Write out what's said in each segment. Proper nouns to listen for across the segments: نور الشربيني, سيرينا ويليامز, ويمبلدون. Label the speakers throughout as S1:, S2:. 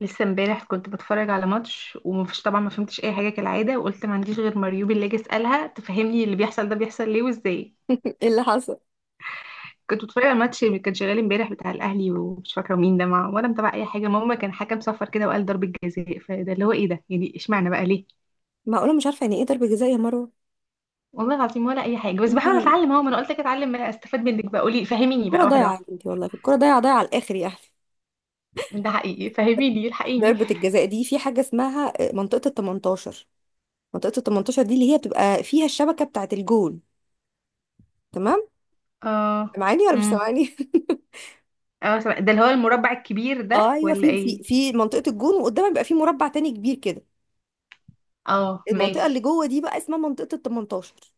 S1: لسه امبارح كنت بتفرج على ماتش، ومفيش طبعا ما فهمتش اي حاجه كالعاده، وقلت ما عنديش غير مريوبي اللي اجي اسالها تفهمني اللي بيحصل، ده بيحصل ليه وازاي؟
S2: ايه اللي حصل؟
S1: كنت بتفرج على ماتش اللي كان شغال امبارح بتاع الاهلي، ومش فاكره مين ده مع، ولا متابعه اي حاجه. ماما، كان حكم صفر كده وقال ضربه جزاء، فده اللي هو ايه ده يعني؟ اشمعنى بقى ليه؟
S2: معقوله مش عارفه يعني ايه ضربه جزاء يا مروه؟
S1: والله العظيم ولا اي حاجه، بس
S2: انت
S1: بحاول اتعلم اهو. ما انا قلت لك اتعلم، ما أنا استفاد منك بقى، قولي فهميني
S2: الكره
S1: بقى واحده
S2: ضايعه
S1: واحده.
S2: يا بنتي، والله الكره ضايعه ضايعه على الاخر يا اخي.
S1: ده حقيقي، فهميني، الحقيني.
S2: ضربه الجزاء دي في حاجه اسمها منطقه ال 18. منطقه ال 18 دي اللي هي بتبقى فيها الشبكه بتاعه الجون، تمام؟
S1: اه.
S2: سامعاني ولا مش
S1: امم
S2: سامعاني؟
S1: اه، ده اللي هو المربع الكبير
S2: اه،
S1: ده
S2: ايوه.
S1: ولا
S2: في في
S1: ايه؟
S2: في منطقه الجون وقدامها بيبقى في مربع تاني كبير كده.
S1: اه،
S2: المنطقه اللي
S1: ماشي.
S2: جوه دي بقى اسمها منطقه ال 18.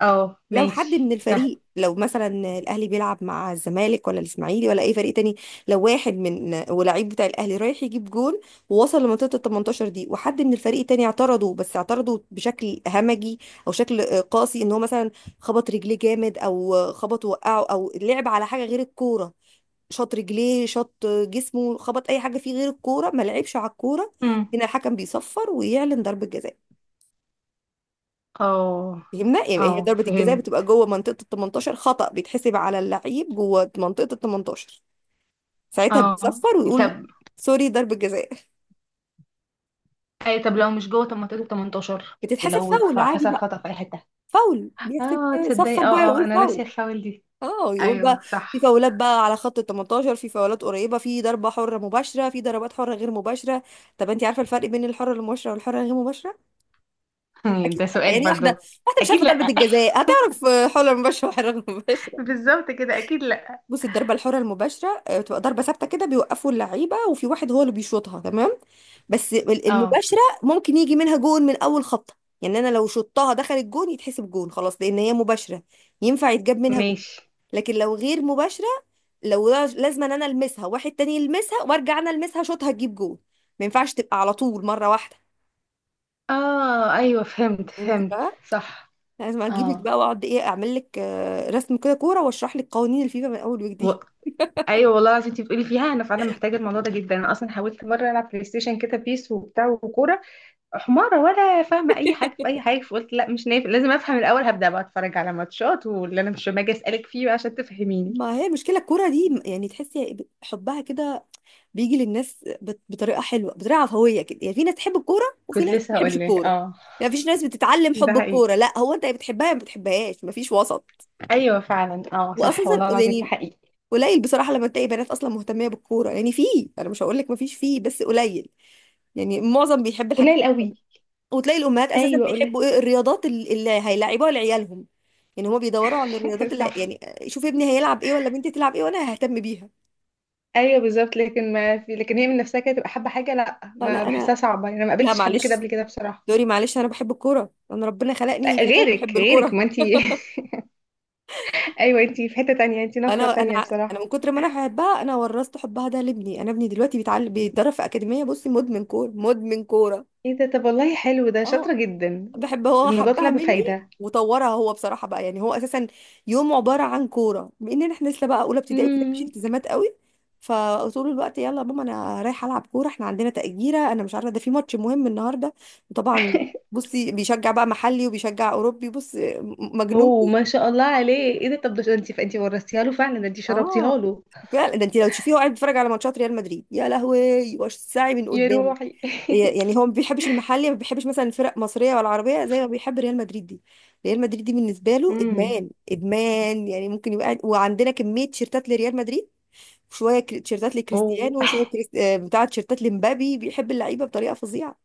S1: اه،
S2: لو حد
S1: ماشي
S2: من
S1: ده.
S2: الفريق، لو مثلا الاهلي بيلعب مع الزمالك ولا الاسماعيلي ولا اي فريق تاني، لو واحد من ولاعيب بتاع الاهلي رايح يجيب جون ووصل لمنطقه ال 18 دي وحد من الفريق التاني اعترضه، بس اعترضه بشكل همجي او شكل قاسي، ان هو مثلا خبط رجليه جامد او خبط وقعه او لعب على حاجه غير الكوره، شاط رجليه شاط جسمه خبط اي حاجه فيه غير الكوره ما لعبش على الكوره،
S1: امم
S2: هنا الحكم بيصفر ويعلن ضربه جزاء.
S1: اه
S2: فهمنا يعني؟ هي
S1: اه،
S2: ضربة الجزاء بتبقى
S1: فهمت.
S2: جوه منطقة ال 18، خطأ بيتحسب على اللعيب جوه منطقة ال 18، ساعتها
S1: اه،
S2: بيصفر ويقول
S1: طب.
S2: سوري، ضربة جزاء.
S1: اي، طب لو مش جوه؟ طب ما تقولي 18.
S2: بتتحسب
S1: لو
S2: فاول عادي
S1: حصل
S2: بقى،
S1: خطأ في اي حتة.
S2: فاول بيحسب.
S1: اه تصدقي،
S2: صفر بقى،
S1: اه اه،
S2: يقول
S1: انا ناسية
S2: فاول.
S1: الفاول دي.
S2: اه يقول بقى
S1: ايوه،
S2: في
S1: صح.
S2: فاولات بقى على خط ال 18، في فاولات قريبة، في ضربة حرة مباشرة، في ضربات حرة غير مباشرة. طب انت عارفة الفرق بين الحرة المباشرة والحرة الغير مباشرة؟ اكيد
S1: ده
S2: لأ.
S1: سؤال
S2: يعني واحدة
S1: برضو؟
S2: واحدة مش
S1: اكيد
S2: عارفة ضربة
S1: لا.
S2: الجزاء هتعرف حرة مباشرة وحرة غير مباشرة؟
S1: بالظبط كده، اكيد لا.
S2: بص، الضربة الحرة المباشرة بتبقى ضربة ثابتة كده، بيوقفوا اللعيبة وفي واحد هو اللي بيشوطها، تمام. بس
S1: اه
S2: المباشرة ممكن يجي منها جون من أول خبطة، يعني أنا لو شطها دخلت جون يتحسب جون خلاص لأن هي مباشرة، ينفع يتجاب منها جون.
S1: ماشي.
S2: لكن لو غير مباشرة، لازم أنا ألمسها، واحد تاني يلمسها، وأرجع أنا ألمسها شوطها تجيب جون، ما ينفعش تبقى على طول مرة واحدة.
S1: اه ايوه، فهمت
S2: فهمتي
S1: فهمت
S2: بقى؟
S1: صح.
S2: لازم أجيبك
S1: اه.
S2: بقى وأقعد إيه أعمل لك رسم كده كورة وأشرح لك قوانين الفيفا من أول
S1: و...
S2: وجديد.
S1: ايوه والله العظيم، انت بتقولي فيها انا فعلا محتاجه الموضوع ده جدا. انا اصلا حاولت مره العب بلاي ستيشن كده، بيس وبتاع وكوره. حمارة ولا فاهمة أي حاجة في أي حاجة، فقلت لا مش نافع، لازم أفهم الأول. هبدأ بقى أتفرج على ماتشات، واللي أنا مش، ما أجي أسألك فيه بقى عشان تفهميني.
S2: ما هي المشكلة الكورة دي يعني، تحسي حبها كده بيجي للناس بطريقة حلوة، بطريقة عفوية كده، يعني في ناس تحب الكورة وفي
S1: كنت
S2: ناس ما
S1: لسه
S2: بتحبش
S1: هقول لك،
S2: الكورة،
S1: اه.
S2: يعني مفيش ناس بتتعلم حب
S1: ده حقيقي.
S2: الكورة، لا، هو انت يا بتحبها يا ما بتحبهاش، مفيش وسط.
S1: أيوه فعلا اه، صح
S2: وأساسا
S1: والله العظيم ده
S2: يعني
S1: حقيقي.
S2: قليل بصراحة لما تلاقي بنات أصلا مهتمية بالكورة، يعني في، أنا مش هقول لك مفيش، فيه بس قليل، يعني معظم بيحب الحاجات
S1: قليل
S2: التانية.
S1: قوي.
S2: وتلاقي الأمهات أساسا
S1: أيوه، قليل.
S2: بيحبوا إيه الرياضات اللي هيلعبوها لعيالهم، يعني هما بيدوروا على الرياضات اللي
S1: صح.
S2: يعني شوف ابني هيلعب إيه ولا بنتي تلعب إيه وأنا ههتم بيها.
S1: أيوه بالظبط، لكن ما في لكن، هي من نفسها كده تبقى حابة حاجة، لا
S2: لا، لا
S1: ما بحسها
S2: انا
S1: صعبة، يعني أنا ما
S2: لا
S1: قابلتش حد كده
S2: معلش،
S1: قبل كده بصراحة.
S2: دوري، معلش، انا بحب الكوره، انا ربنا خلقني
S1: لا،
S2: فتاة
S1: غيرك
S2: بحب
S1: غيرك
S2: الكوره.
S1: ما أنتي. أيوه، أنتي في حتة تانية، أنتي
S2: انا
S1: نقرة
S2: انا
S1: تانية
S2: انا
S1: بصراحة.
S2: من كتر ما انا بحبها انا ورثت حبها ده لابني، انا ابني دلوقتي بيتعلم بيتدرب في اكاديميه، بصي مدمن كوره مدمن كوره.
S1: ايه ده؟ طب والله حلو ده،
S2: اه
S1: شاطرة جدا.
S2: بحب هو،
S1: الموضوع طلع
S2: حبها مني
S1: بفايدة.
S2: وطورها هو بصراحه بقى، يعني هو اساسا يوم عباره عن كوره، بان احنا لسه بقى اولى ابتدائي كده مفيش
S1: امم.
S2: التزامات قوي، فطول الوقت يلا يا ماما انا رايحه العب كوره، احنا عندنا تأجيرة، انا مش عارفه، ده في ماتش مهم النهارده. وطبعا بصي بيشجع بقى محلي وبيشجع اوروبي، بص، مجنون
S1: اوه، ما
S2: كورة.
S1: شاء الله عليه. ايه ده؟ طب ده انت ورثتيها له فعلا، ده انت شربتيها
S2: اه
S1: له.
S2: فعلا ده انت لو تشوفيه هو قاعد بيتفرج على ماتشات ريال مدريد، يا لهوي، وش ساعي من
S1: يا
S2: قدام.
S1: روحي.
S2: يعني هو ما بيحبش المحلي، ما بيحبش مثلا فرق مصريه ولا عربيه زي ما بيحب ريال مدريد دي. ريال مدريد دي بالنسبه له
S1: امم.
S2: ادمان ادمان، يعني ممكن يبقى وعندنا كميه تيشيرتات لريال مدريد، تيشيرتات
S1: اوه
S2: لكريستيانو، وشويه كريست... آه، بتاع تيشيرتات لمبابي، بيحب اللعيبه بطريقه فظيعه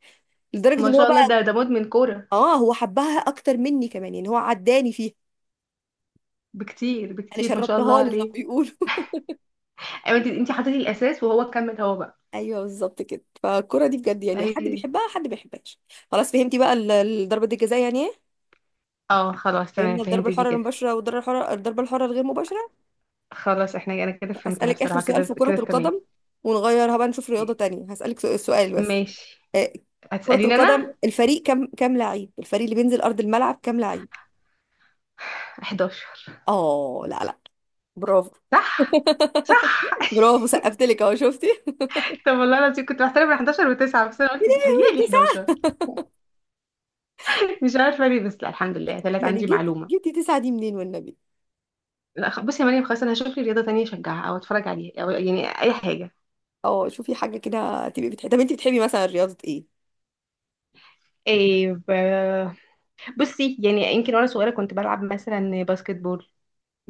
S2: لدرجه
S1: ما
S2: ان هو
S1: شاء الله،
S2: بقى،
S1: ده مدمن كوره.
S2: اه هو حبها اكتر مني كمان، يعني هو عداني فيها.
S1: بكتير
S2: انا
S1: بكتير، ما شاء الله
S2: شربتها له زي ما
S1: عليه.
S2: بيقولوا.
S1: ايوه، انت حطيتي الاساس، وهو كمل هو بقى.
S2: ايوه، بالظبط كده، فالكره دي بجد يعني حد
S1: هي.
S2: بيحبها حد ما بيحبهاش. خلاص فهمتي بقى الضربه دي الجزاء يعني ايه،
S1: اه خلاص تمام،
S2: فهمنا الضربه
S1: فهمت دي
S2: الحره
S1: كده.
S2: المباشره والضربه الحره الضربه الحره الغير مباشره.
S1: خلاص احنا انا كده فهمتها
S2: أسألك آخر
S1: بصراحه،
S2: سؤال في
S1: كده
S2: كرة
S1: كده تمام.
S2: القدم ونغيرها بقى نشوف رياضة تانية، هسألك سؤال بس.
S1: ماشي.
S2: آه، كرة
S1: هتساليني انا؟
S2: القدم الفريق كام لعيب، الفريق اللي بينزل أرض الملعب كام لعيب؟
S1: 11.
S2: اه لا، لا، برافو.
S1: صح، صح.
S2: برافو، سقفت لك اهو، شفتي؟
S1: طب والله العظيم كنت بحترم ال 11 و9، بس انا
S2: يا
S1: قلت
S2: لهوي،
S1: بتهيألي
S2: تسعة؟
S1: 11. مش عارفه ليه، بس لا الحمد لله طلعت
S2: يعني
S1: عندي معلومه.
S2: جبتي تسعة دي منين والنبي؟
S1: لا، بصي يا مريم، خلاص انا هشوف لي رياضه تانية اشجعها او اتفرج عليها، او يعني اي حاجه.
S2: اه شوفي حاجة كده تبقي بتحبي، طب انت بتحبي مثلا رياضة ايه؟
S1: إيه ب- بصي يعني، يمكن وانا صغيره كنت بلعب مثلا باسكت بول.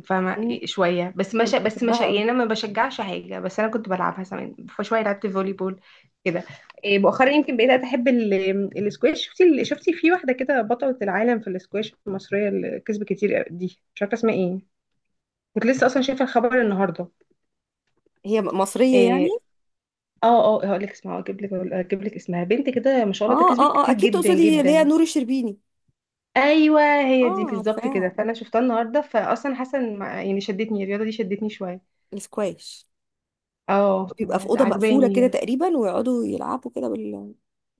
S1: فاهمه
S2: مم،
S1: شويه بس، ما
S2: كنت
S1: شا... بس ما
S2: بحبها
S1: شا...
S2: قوي.
S1: يعني انا ما بشجعش حاجه، بس انا كنت بلعبها زمان، فشويه لعبت فولي بول كده. إيه، مؤخرا يمكن بقيت احب السكواش. شفتي في واحده كده بطله العالم في السكواش المصريه اللي كسبت كتير دي، مش عارفه اسمها ايه. كنت لسه اصلا شايفه الخبر النهارده.
S2: هي م- مصرية يعني؟
S1: آه، اه اه هقول لك اسمها، اجيب لك اسمها، بنت كده ما شاء الله
S2: اه
S1: تكسبت
S2: اه اه،
S1: كتير
S2: اكيد
S1: جدا
S2: تقصدي اللي هي
S1: جدا.
S2: نور الشربيني.
S1: ايوه، هي دي
S2: اه،
S1: بالظبط كده،
S2: عارفاها.
S1: فانا شفتها النهارده، فاصلا حاسه إن يعني شدتني الرياضه دي، شدتني شويه.
S2: السكواش
S1: اه،
S2: بيبقى في اوضه مقفوله كده
S1: عجباني.
S2: تقريبا ويقعدوا يلعبوا كده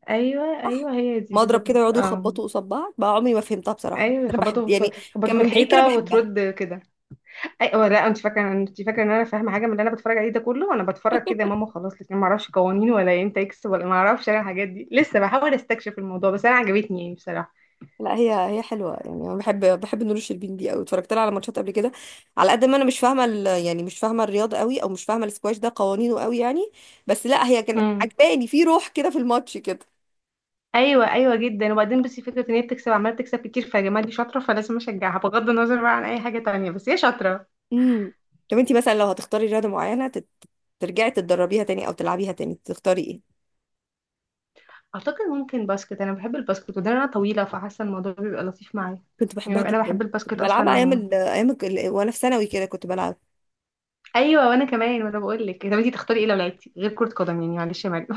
S1: ايوه
S2: صح،
S1: ايوه، هي دي
S2: مضرب كده،
S1: بالظبط
S2: يقعدوا
S1: اه.
S2: يخبطوا قصاد بعض بقى، عمري ما فهمتها بصراحه، بس
S1: ايوه،
S2: انا بحب
S1: يخبطوا في
S2: يعني،
S1: يخبطوا
S2: كان
S1: في
S2: من بعيد كده
S1: الحيطه
S2: بحبها.
S1: وترد كده. ايوه لا، انت فاكره ان انا فاهمه حاجه من اللي انا بتفرج عليه ده كله؟ انا بتفرج كده يا ماما خلاص، لكن ما اعرفش قوانين ولا امتى يكسب، ولا ما اعرفش انا الحاجات دي، لسه بحاول استكشف الموضوع، بس انا عجبتني يعني بصراحه.
S2: لا هي هي حلوه، يعني انا بحب نور الشربين دي قوي، اتفرجت لها على ماتشات قبل كده. على قد ما انا مش فاهمه يعني مش فاهمه الرياضه قوي، او مش فاهمه السكواش ده قوانينه قوي يعني، بس لا هي كان
S1: امم
S2: عجباني في روح كده في الماتش كده.
S1: ايوه ايوه جدا. وبعدين بس فكره ان هي بتكسب، عماله تكسب كتير، فيا جماعه دي شاطره، فلازم اشجعها بغض النظر بقى عن اي حاجه تانية، بس هي شاطره.
S2: امم، طب انتي مثلا لو هتختاري رياضه معينه ترجعي تتدربيها تاني او تلعبيها تاني تختاري ايه؟
S1: اعتقد ممكن باسكت، انا بحب الباسكت، وده انا طويله فحاسه الموضوع بيبقى لطيف معايا.
S2: كنت بحبها
S1: يعني انا
S2: جدا،
S1: بحب
S2: كنت
S1: الباسكت اصلا
S2: بلعبها
S1: عموما.
S2: وانا في ثانوي كده كنت بلعب.
S1: ايوه وانا كمان، وانا بقول لك طب انتي تختاري ايه لو لعبتي غير كره قدم؟ يعني معلش يا مريم.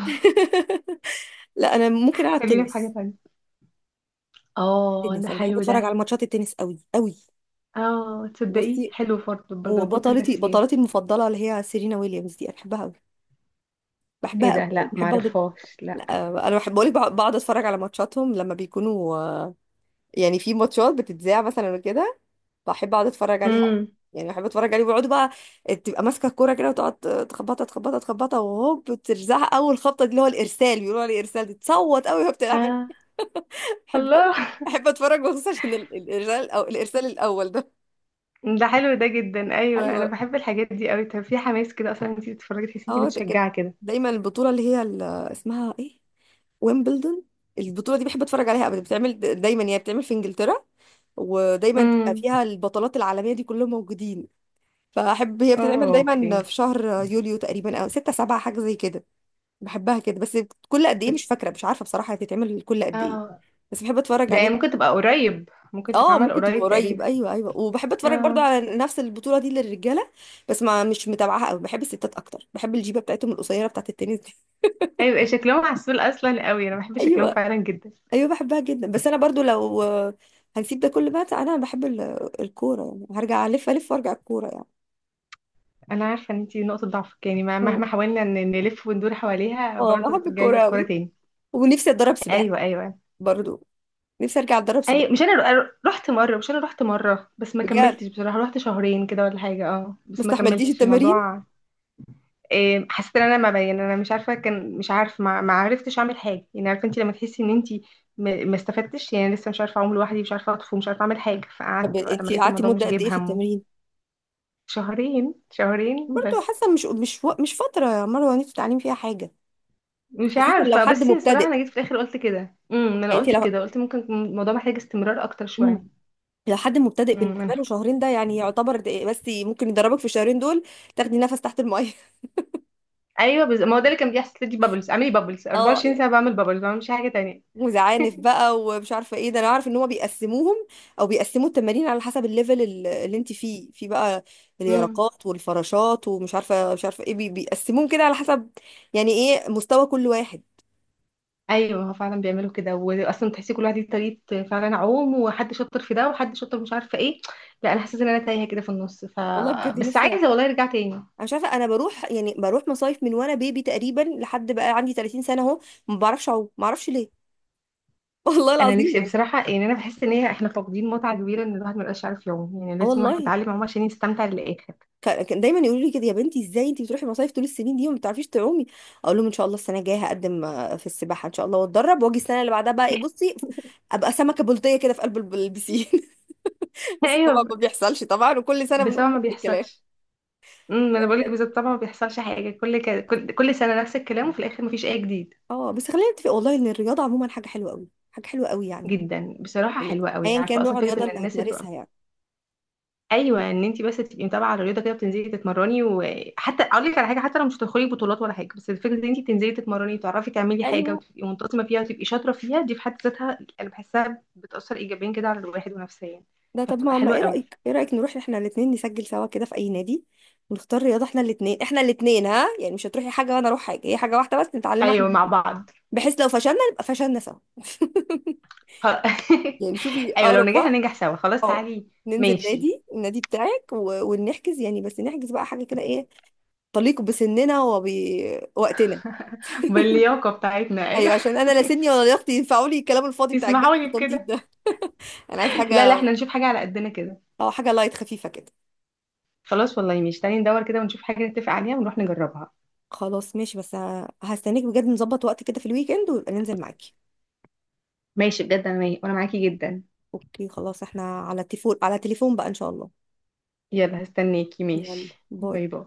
S2: لا، انا ممكن العب
S1: خلينا في حاجه
S2: تنس.
S1: تانية. اه، ده
S2: تنس انا بحب
S1: حلو
S2: اتفرج
S1: ده.
S2: على ماتشات التنس قوي قوي.
S1: اه تصدقي،
S2: بصي،
S1: حلو برضه برضه،
S2: هو
S1: انا كنت ناسياه.
S2: بطلتي المفضله اللي هي سيرينا ويليامز دي انا بحبها قوي،
S1: ايه
S2: بحبها قوي
S1: ده؟
S2: قوي.
S1: لا،
S2: بحب اقعد،
S1: معرفهاش، لا.
S2: لا انا بحب بقولك بقعد اتفرج على ماتشاتهم لما بيكونوا، يعني في ماتشات بتتذاع مثلا وكده، بحب اقعد اتفرج عليها أوي.
S1: امم.
S2: يعني بحب اتفرج عليه بيقعدوا بقى، تبقى ماسكه الكوره كده وتقعد تخبطها تخبطها تخبطها وهوب ترزعها، اول خبطه دي اللي هو الارسال، بيقولوا عليه ارسال، دي تصوت قوي وهي بتلعب، أنا
S1: اه،
S2: بحب قوي،
S1: الله.
S2: بحب اتفرج بخصوص عشان الارسال او الارسال الاول ده.
S1: ده حلو ده جدا، ايوه انا
S2: ايوه،
S1: بحب الحاجات دي قوي. طب في حماس كده اصلا انت بتتفرجي تحسي انت
S2: اه ده كان
S1: متشجعه كده؟
S2: دايما البطوله اللي هي اسمها ايه، ويمبلدون. البطوله دي بحب اتفرج عليها ابدا، بتعمل دايما يعني، بتعمل في انجلترا ودايما تبقى
S1: امم،
S2: فيها البطولات العالميه دي كلهم موجودين، فاحب، هي بتتعمل
S1: اه اوكي.
S2: دايما في شهر يوليو تقريبا، او ستة سبعة حاجة زي كده. بحبها كده بس، كل قد ايه مش فاكرة، مش عارفة بصراحة هي بتتعمل كل قد ايه،
S1: اه،
S2: بس بحب اتفرج
S1: ده يعني ممكن
S2: عليه.
S1: تبقى قريب، ممكن
S2: اه
S1: تتعمل
S2: ممكن تبقى
S1: قريب
S2: قريب،
S1: تقريبا.
S2: ايوه ايوه، وبحب اتفرج برضو
S1: اه
S2: على نفس البطولة دي للرجالة، بس ما مش متابعاها قوي، بحب الستات اكتر، بحب الجيبة بتاعتهم القصيرة بتاعت التنس دي.
S1: ايوه، إيه، شكلهم عسول اصلا قوي، انا بحب شكلهم
S2: ايوه،
S1: فعلا جدا.
S2: ايوه بحبها جدا. بس انا برضو لو، هنسيب ده كله بقى، انا بحب الكورة، يعني هرجع الف الف وارجع الكورة يعني.
S1: انا عارفه ان انت نقطه ضعفك، يعني
S2: اه،
S1: مهما حاولنا نلف وندور حواليها، برضه
S2: بحب
S1: هترجعي لي
S2: الكورة قوي،
S1: الكوره تاني.
S2: ونفسي اتدرب
S1: ايوه
S2: سباحة
S1: ايوه.
S2: برضو، نفسي ارجع اتدرب سباحه.
S1: ايوه مش انا رو- رحت مره، مش انا رحت مره بس ما
S2: بجد؟
S1: كملتش بصراحه، رحت شهرين كده ولا حاجه، اه
S2: ما
S1: بس ما
S2: استحملتيش
S1: كملتش
S2: التمارين؟
S1: الموضوع. إيه، حسيت ان انا ما بين، انا مش عارفه، كان مش عارف، ما عرفتش اعمل حاجه، يعني عارفه انت لما تحسي ان انت ما استفدتش، يعني لسه مش عارفه اعوم لوحدي، مش عارفه اطفو، مش عارفه اعمل حاجه،
S2: طب
S1: فقعدت بقى لما
S2: انت
S1: لقيت
S2: قعدتي
S1: الموضوع
S2: مده
S1: مش
S2: قد
S1: جايب
S2: ايه في
S1: همه.
S2: التمرين؟
S1: شهرين، شهرين
S2: برضه
S1: بس.
S2: حاسه مش فتره يا مروه نفسي تتعلمي فيها حاجه،
S1: مش
S2: خصوصا لو
S1: عارفه،
S2: حد
S1: بس الصراحه
S2: مبتدئ
S1: انا جيت في الاخر قلت كده، انا
S2: يعني، انت
S1: قلت
S2: لو
S1: كده، قلت ممكن يكون الموضوع محتاج استمرار اكتر شويه.
S2: مم. لو حد مبتدئ بالنسبه
S1: انا.
S2: له شهرين ده يعني يعتبر ده- بس ممكن يدربك في الشهرين دول تاخدي نفس تحت الميه.
S1: ايوه، ما هو ده اللي كان بيحصل لي، بابلز اعملي بابلز
S2: اه،
S1: 24 ساعه، بعمل بابلز ما بعملش حاجه تانية.
S2: وزعانف بقى ومش عارفه ايه، ده انا عارف ان هما بيقسموهم او بيقسموا التمارين على حسب الليفل اللي انت فيه في بقى، اليرقات والفراشات ومش عارفه مش عارفه ايه، بيقسموهم كده على حسب يعني ايه مستوى كل واحد.
S1: ايوه هو فعلا بيعملوا كده، واصلا تحسي كل واحد ليه طريقه، فعلا عوم، وحد شاطر في ده وحد شاطر مش عارفه ايه. لا انا حاسه ان انا تايهه كده في النص ف.
S2: والله بجد
S1: بس
S2: نفسي
S1: عايزه والله ارجع تاني.
S2: انا مش عارفه، انا بروح يعني بروح مصايف من وانا بيبي تقريبا لحد بقى عندي 30 سنه اهو، ما بعرفش اعوم، ما اعرفش ليه. والله
S1: انا
S2: العظيم
S1: نفسي
S2: يعني.
S1: بصراحه، يعني انا بحس ان هي، احنا فاقدين متعه كبيره ان الواحد ما يبقاش عارف يعوم، يعني
S2: اه
S1: لازم الواحد
S2: والله،
S1: يتعلم عوم عشان يستمتع للاخر.
S2: كان كان دايما يقولوا لي كده يا بنتي ازاي انت بتروحي مصايف طول السنين دي وما بتعرفيش تعومي، اقول لهم ان شاء الله السنه الجايه هقدم في السباحه ان شاء الله واتدرب، واجي السنه اللي بعدها بقى ايه بصي، ابقى سمكه بلطيه كده في قلب البسين. بس طبعا
S1: ايوه،
S2: ما بيحصلش طبعا، وكل سنه
S1: بس
S2: بنقول
S1: طبعا ما
S2: نفس الكلام.
S1: بيحصلش. امم،
S2: لا
S1: انا بقول لك
S2: بجد،
S1: بالظبط، طبعا ما بيحصلش حاجه، كل ك... كل كل سنه نفس الكلام، وفي الاخر ما فيش اي جديد.
S2: اه بس خلينا نتفق والله ان الرياضه عموما حاجه حلوه قوي، حاجه حلوه قوي يعني،
S1: جدا بصراحه،
S2: يعني
S1: حلوه قوي يعني،
S2: ايا كان
S1: عارفه
S2: نوع
S1: اصلا فكره
S2: الرياضه
S1: ان
S2: اللي
S1: الناس.
S2: هتمارسها يعني.
S1: ايوه، ان انت بس تبقي متابعه على الرياضه كده، بتنزلي تتمرني، وحتى اقول لك على حاجه، حتى لو مش هتدخلي بطولات ولا حاجه، بس الفكره ان انت تنزلي تتمرني وتعرفي تعملي حاجه،
S2: ايوه،
S1: وتبقي منتظمه فيها، وتبقي شاطره فيها، دي في حد ذاتها انا بحسها بتاثر ايجابيا كده على الواحد ونفسيا.
S2: ده طب
S1: فبتبقى
S2: ما ما
S1: حلوه
S2: ايه
S1: قوي.
S2: رأيك، نروح احنا الاثنين نسجل سوا كده في اي نادي، ونختار رياضة احنا الاثنين احنا الاثنين، ها؟ يعني مش هتروحي حاجة وانا اروح حاجة، هي حاجة واحدة بس نتعلمها احنا
S1: ايوه، مع
S2: الاتنين.
S1: بعض.
S2: بحيث لو فشلنا نبقى فشلنا سوا.
S1: خ-
S2: يعني شوفي
S1: ايوه، لو
S2: اقرب
S1: نجحنا
S2: وقت،
S1: ننجح سوا، خلاص
S2: اه
S1: تعالي.
S2: ننزل
S1: ماشي.
S2: نادي النادي بتاعك ونحجز يعني، بس نحجز بقى حاجة كده ايه، تليق بسننا وبوقتنا.
S1: باللياقه بتاعتنا، ايوه.
S2: ايوه عشان انا لا سني ولا لياقتي ينفعوا لي الكلام الفاضي بتاع الجري
S1: اسمحوا
S2: في
S1: لي
S2: التنطيط
S1: بكده.
S2: ده، انا عايز
S1: لا لا،
S2: حاجة،
S1: احنا نشوف حاجه على قدنا كده.
S2: اه حاجة لايت خفيفة كده.
S1: خلاص والله ماشي، تعالي ندور كده ونشوف حاجه نتفق عليها ونروح نجربها.
S2: خلاص ماشي، بس هستناك بجد، نظبط وقت كده في الويك اند وننزل معاكي.
S1: ماشي بجد، انا وانا معاكي جدا.
S2: اوكي، خلاص احنا على تليفون على تليفون بقى ان شاء الله.
S1: يلا هستناكي،
S2: يلا
S1: ماشي،
S2: باي.
S1: باي باي.